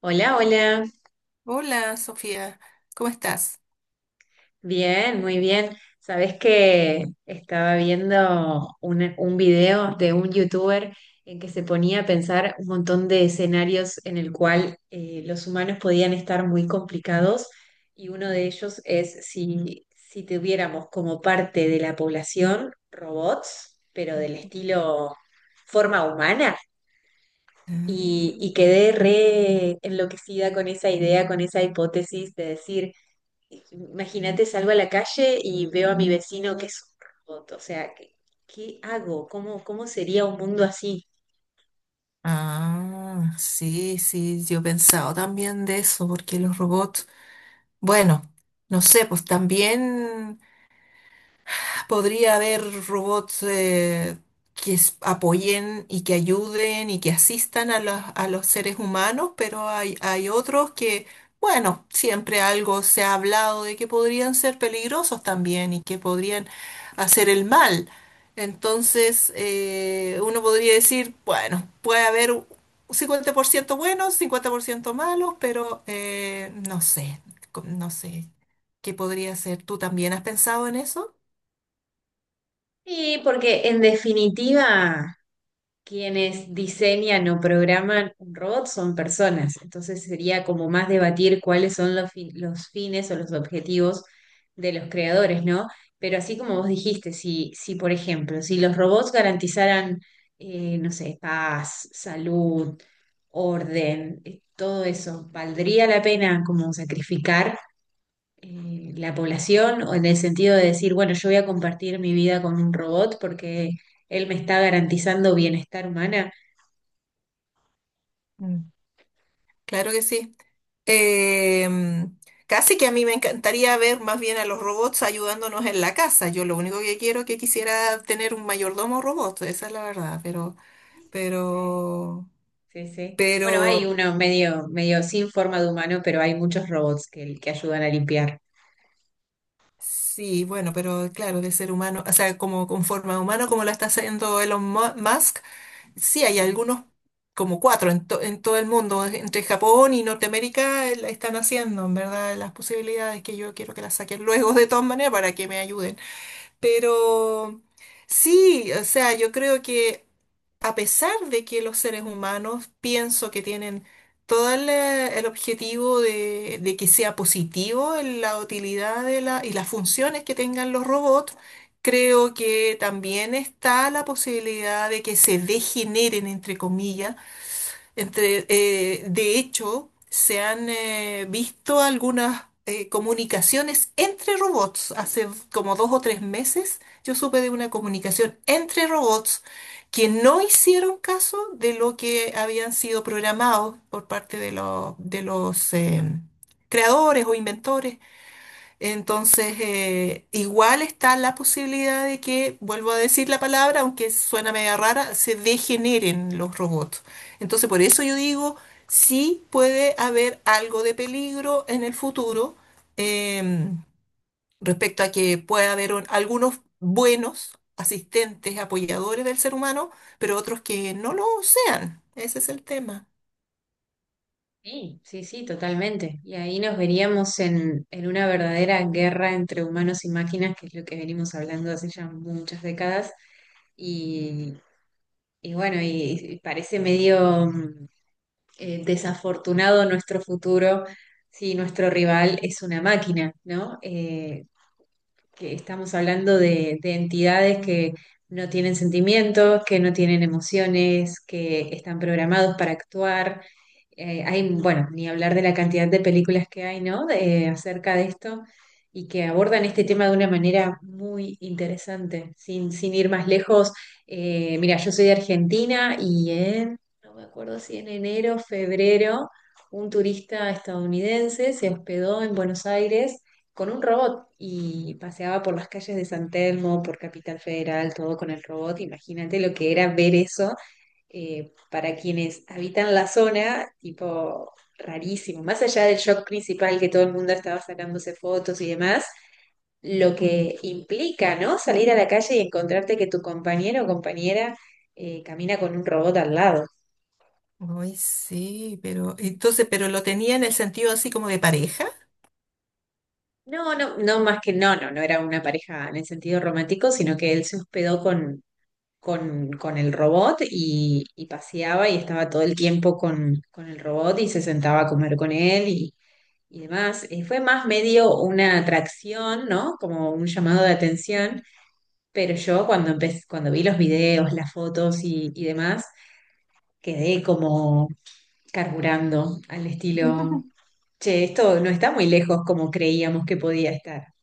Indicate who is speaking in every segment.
Speaker 1: Hola, hola.
Speaker 2: Hola, Sofía, ¿cómo estás?
Speaker 1: Bien, muy bien. Sabés que estaba viendo un video de un youtuber en que se ponía a pensar un montón de escenarios en el cual los humanos podían estar muy complicados y uno de ellos es si tuviéramos como parte de la población robots, pero del estilo forma humana. Y,
Speaker 2: Mm.
Speaker 1: y quedé re enloquecida con esa idea, con esa hipótesis de decir: imagínate, salgo a la calle y veo a mi vecino que es un robot. O sea, ¿qué hago? ¿Cómo sería un mundo así?
Speaker 2: Ah, sí, sí, yo he pensado también de eso, porque los robots, bueno, no sé, pues también. Podría haber robots, que apoyen y que ayuden y que asistan a los seres humanos, pero hay otros que, bueno, siempre algo se ha hablado de que podrían ser peligrosos también y que podrían hacer el mal. Entonces, uno podría decir, bueno, puede haber un 50% buenos, 50% malos, pero no sé, no sé qué podría ser. ¿Tú también has pensado en eso?
Speaker 1: Y porque en definitiva quienes diseñan o programan un robot son personas, entonces sería como más debatir cuáles son los fines o los objetivos de los creadores, ¿no? Pero así como vos dijiste, si por ejemplo, si los robots garantizaran, no sé, paz, salud, orden, todo eso, ¿valdría la pena como sacrificar la población? O en el sentido de decir, bueno, yo voy a compartir mi vida con un robot porque él me está garantizando bienestar humana.
Speaker 2: Claro que sí. Em, Casi que a mí me encantaría ver más bien a los robots ayudándonos en la casa. Yo lo único que quiero es que quisiera tener un mayordomo robot, esa es la verdad, pero,
Speaker 1: Sí,
Speaker 2: pero,
Speaker 1: sí, sí. Bueno, hay
Speaker 2: pero
Speaker 1: uno medio sin forma de humano, pero hay muchos robots que ayudan a limpiar.
Speaker 2: sí, bueno, pero claro, de ser humano, o sea, como con forma humana, como la está haciendo Elon Musk. Sí hay
Speaker 1: Ujú.
Speaker 2: algunos, como cuatro en todo el mundo, entre Japón y Norteamérica. La están haciendo, en verdad. Las posibilidades que yo quiero que las saquen luego de todas maneras para que me ayuden. Pero sí, o sea, yo creo que a pesar de que los seres humanos pienso que tienen todo el objetivo de que sea positivo en la utilidad de la, y las funciones que tengan los robots, creo que también está la posibilidad de que se degeneren, entre comillas, de hecho, se han visto algunas comunicaciones entre robots. Hace como 2 o 3 meses yo supe de una comunicación entre robots que no hicieron caso de lo que habían sido programados por parte de los creadores o inventores. Entonces, igual está la posibilidad de que, vuelvo a decir la palabra, aunque suena media rara, se degeneren los robots. Entonces, por eso yo digo, sí puede haber algo de peligro en el futuro eh, respecto a que pueda haber algunos buenos asistentes, apoyadores del ser humano, pero otros que no lo sean. Ese es el tema.
Speaker 1: Sí, sí, sí, totalmente. Y ahí nos veríamos en una verdadera guerra entre humanos y máquinas, que es lo que venimos hablando hace ya muchas décadas. Y, y bueno, y parece desafortunado nuestro futuro si nuestro rival es una máquina, ¿no? Que estamos hablando de entidades que no tienen sentimientos, que no tienen emociones, que están programados para actuar. Hay, bueno, ni hablar de la cantidad de películas que hay, ¿no? De- acerca de esto y que abordan este tema de una manera muy interesante, sin ir más lejos. Mira, yo soy de Argentina y en, no me acuerdo si en enero, febrero, un turista estadounidense se hospedó en Buenos Aires con un robot y paseaba por las calles de San Telmo, por Capital Federal, todo con el robot. Imagínate lo que era ver eso para quienes habitan la zona, tipo rarísimo. Más allá del shock principal que todo el mundo estaba sacándose fotos y demás, lo
Speaker 2: Mm.
Speaker 1: que implica, ¿no? Salir a la calle y encontrarte que tu compañero o compañera camina con un robot al lado.
Speaker 2: Ay, sí, pero entonces, pero lo tenía en el sentido así como de pareja.
Speaker 1: No, no, no, más que no, no, no era una pareja en el sentido romántico, sino que él se hospedó con el robot y paseaba y estaba todo el tiempo con el robot y se sentaba a comer con él y demás. Fue más medio una atracción, ¿no? Como un llamado de atención, pero yo cuando cuando vi los videos, las fotos y demás, quedé como carburando al estilo, che, esto no está muy lejos como creíamos que podía estar.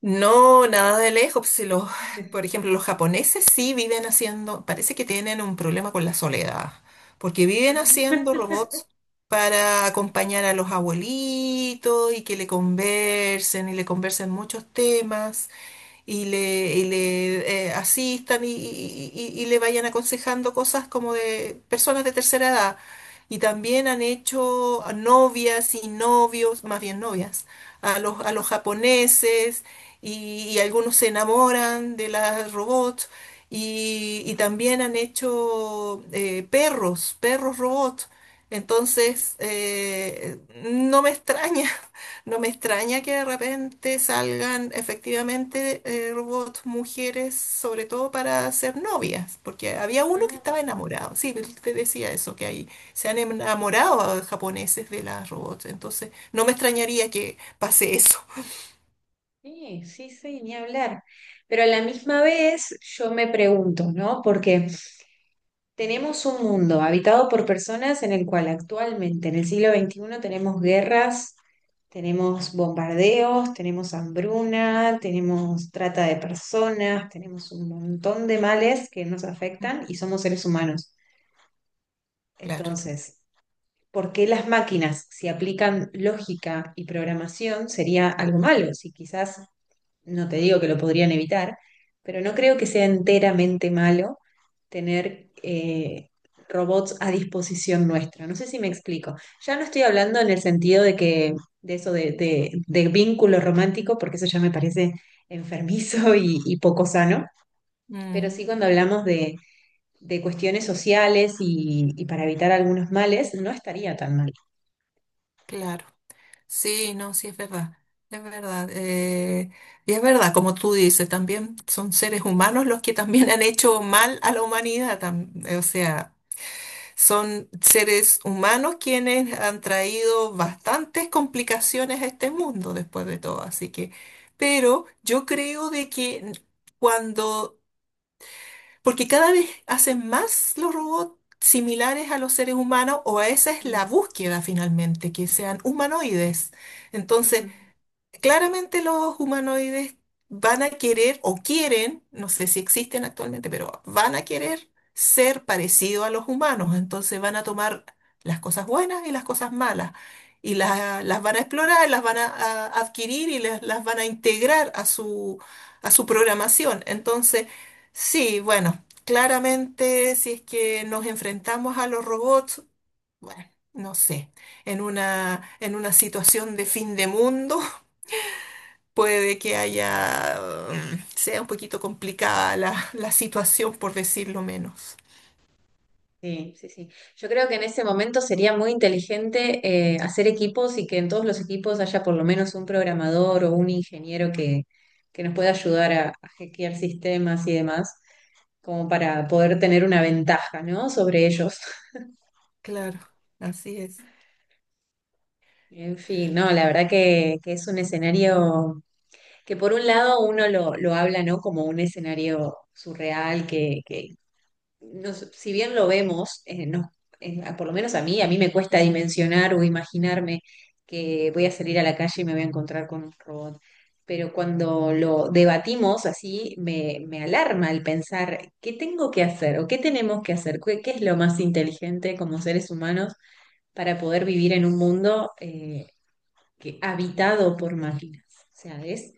Speaker 2: No, nada de lejos, pues. Si los, por ejemplo, los japoneses sí viven haciendo, parece que tienen un problema con la soledad, porque viven haciendo robots para acompañar a los abuelitos y que le conversen y le conversen muchos temas y le asistan y, y le vayan aconsejando cosas como de personas de tercera edad. Y también han hecho a novias y novios, más bien novias, a los japoneses y algunos se enamoran de las robots. Y también han hecho perros robots. Entonces, no me extraña. No me extraña que de repente salgan efectivamente robots mujeres, sobre todo para ser novias, porque había uno que
Speaker 1: Ujú.
Speaker 2: estaba enamorado. Sí, él te decía eso, que ahí se han enamorado japoneses de las robots. Entonces, no me extrañaría que pase eso.
Speaker 1: Sí, sí, sí, ni hablar. Pero a la misma vez yo me pregunto, ¿no? Porque tenemos un mundo habitado por personas en el cual actualmente, en el siglo XXI, tenemos guerras, tenemos bombardeos, tenemos hambruna, tenemos trata de personas, tenemos un montón de males que nos afectan y somos seres humanos.
Speaker 2: Claro,
Speaker 1: Entonces, ¿por qué las máquinas, si aplican lógica y programación, sería algo malo? Si quizás no te digo que lo podrían evitar, pero no creo que sea enteramente malo tener robots a disposición nuestra. No sé si me explico. Ya no estoy hablando en el sentido de que de eso de vínculo romántico, porque eso ya me parece enfermizo y poco sano, pero
Speaker 2: mm,
Speaker 1: sí cuando hablamos de cuestiones sociales y para evitar algunos males, no estaría tan mal.
Speaker 2: claro. Sí, no, sí, es verdad. Es verdad. Y es verdad, como tú dices, también son seres humanos los que también han hecho mal a la humanidad. O sea. Son seres humanos quienes han traído bastantes complicaciones a este mundo después de todo, así que, pero yo creo de que cuando, porque cada vez hacen más los robots similares a los seres humanos, o esa es la
Speaker 1: Mm.
Speaker 2: búsqueda finalmente, que sean humanoides. Entonces,
Speaker 1: Ujú.
Speaker 2: claramente los humanoides van a querer o quieren, no sé si existen actualmente, pero van a querer ser parecidos a los humanos. Entonces van a tomar las cosas buenas y las cosas malas y las van a explorar, las van a adquirir y las van a integrar a su programación. Entonces, sí, bueno, claramente si es que nos enfrentamos a los robots, bueno, no sé, en una situación de fin de mundo puede que haya, sea un poquito complicada la, la situación, por decirlo menos.
Speaker 1: Sí, sí, sí. Yo creo que en ese momento sería muy inteligente hacer equipos y que en todos los equipos haya por lo menos un programador o un ingeniero que nos pueda ayudar a hackear sistemas y demás, como para poder tener una ventaja, ¿no? Sobre ellos.
Speaker 2: Claro, así es.
Speaker 1: En fin, no, la verdad que es un escenario que por un lado uno lo habla, ¿no? Como un escenario surreal que nos- si bien lo vemos, no, por lo menos a mí me cuesta dimensionar o imaginarme que voy a salir a la calle y me voy a encontrar con un robot. Pero cuando lo debatimos así, me alarma el pensar qué tengo que hacer o qué tenemos que hacer, qué es lo más inteligente como seres humanos para poder vivir en un mundo habitado por máquinas. O sea, es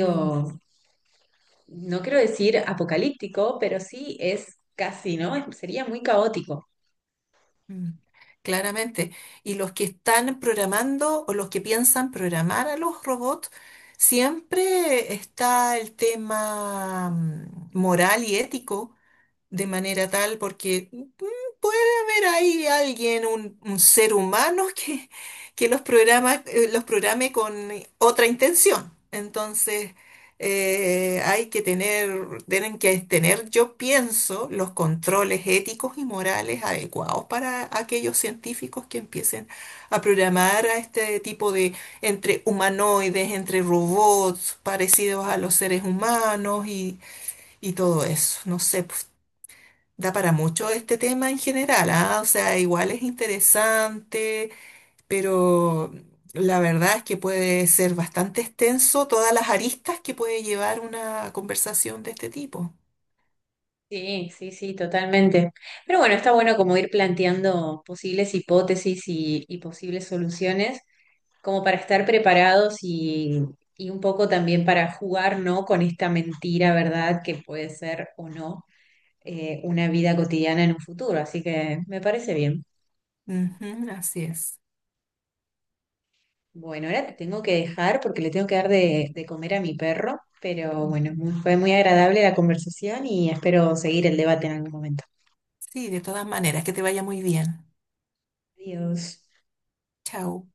Speaker 2: Mm,
Speaker 1: no quiero decir apocalíptico, pero sí es casi, ¿no? Es- sería muy caótico.
Speaker 2: mm. Claramente. Y los que están programando o los que piensan programar a los robots, siempre está el tema, moral y ético, de manera tal, porque puede haber ahí alguien, un ser humano que los programe con otra intención. Entonces, tienen que tener, yo pienso, los controles éticos y morales adecuados para aquellos científicos que empiecen a programar a este tipo de entre humanoides, entre robots parecidos a los seres humanos y todo eso. No sé, da para mucho este tema en general, ¿ah? O sea, igual es interesante, pero la verdad es que puede ser bastante extenso todas las aristas que puede llevar una conversación de este tipo.
Speaker 1: Sí, sí, sí, totalmente. Pero bueno, está bueno como ir planteando posibles hipótesis y posibles soluciones, como para estar preparados y un poco también para jugar, ¿no? Con esta mentira, ¿verdad? Que puede ser o no una vida cotidiana en un futuro. Así que me parece bien.
Speaker 2: Ujú, así es.
Speaker 1: Bueno, ahora te tengo que dejar porque le tengo que dar de comer a mi perro, pero bueno, fue muy agradable la conversación y espero seguir el debate en algún momento.
Speaker 2: Sí, de todas maneras, que te vaya muy bien.
Speaker 1: Adiós.
Speaker 2: Chao.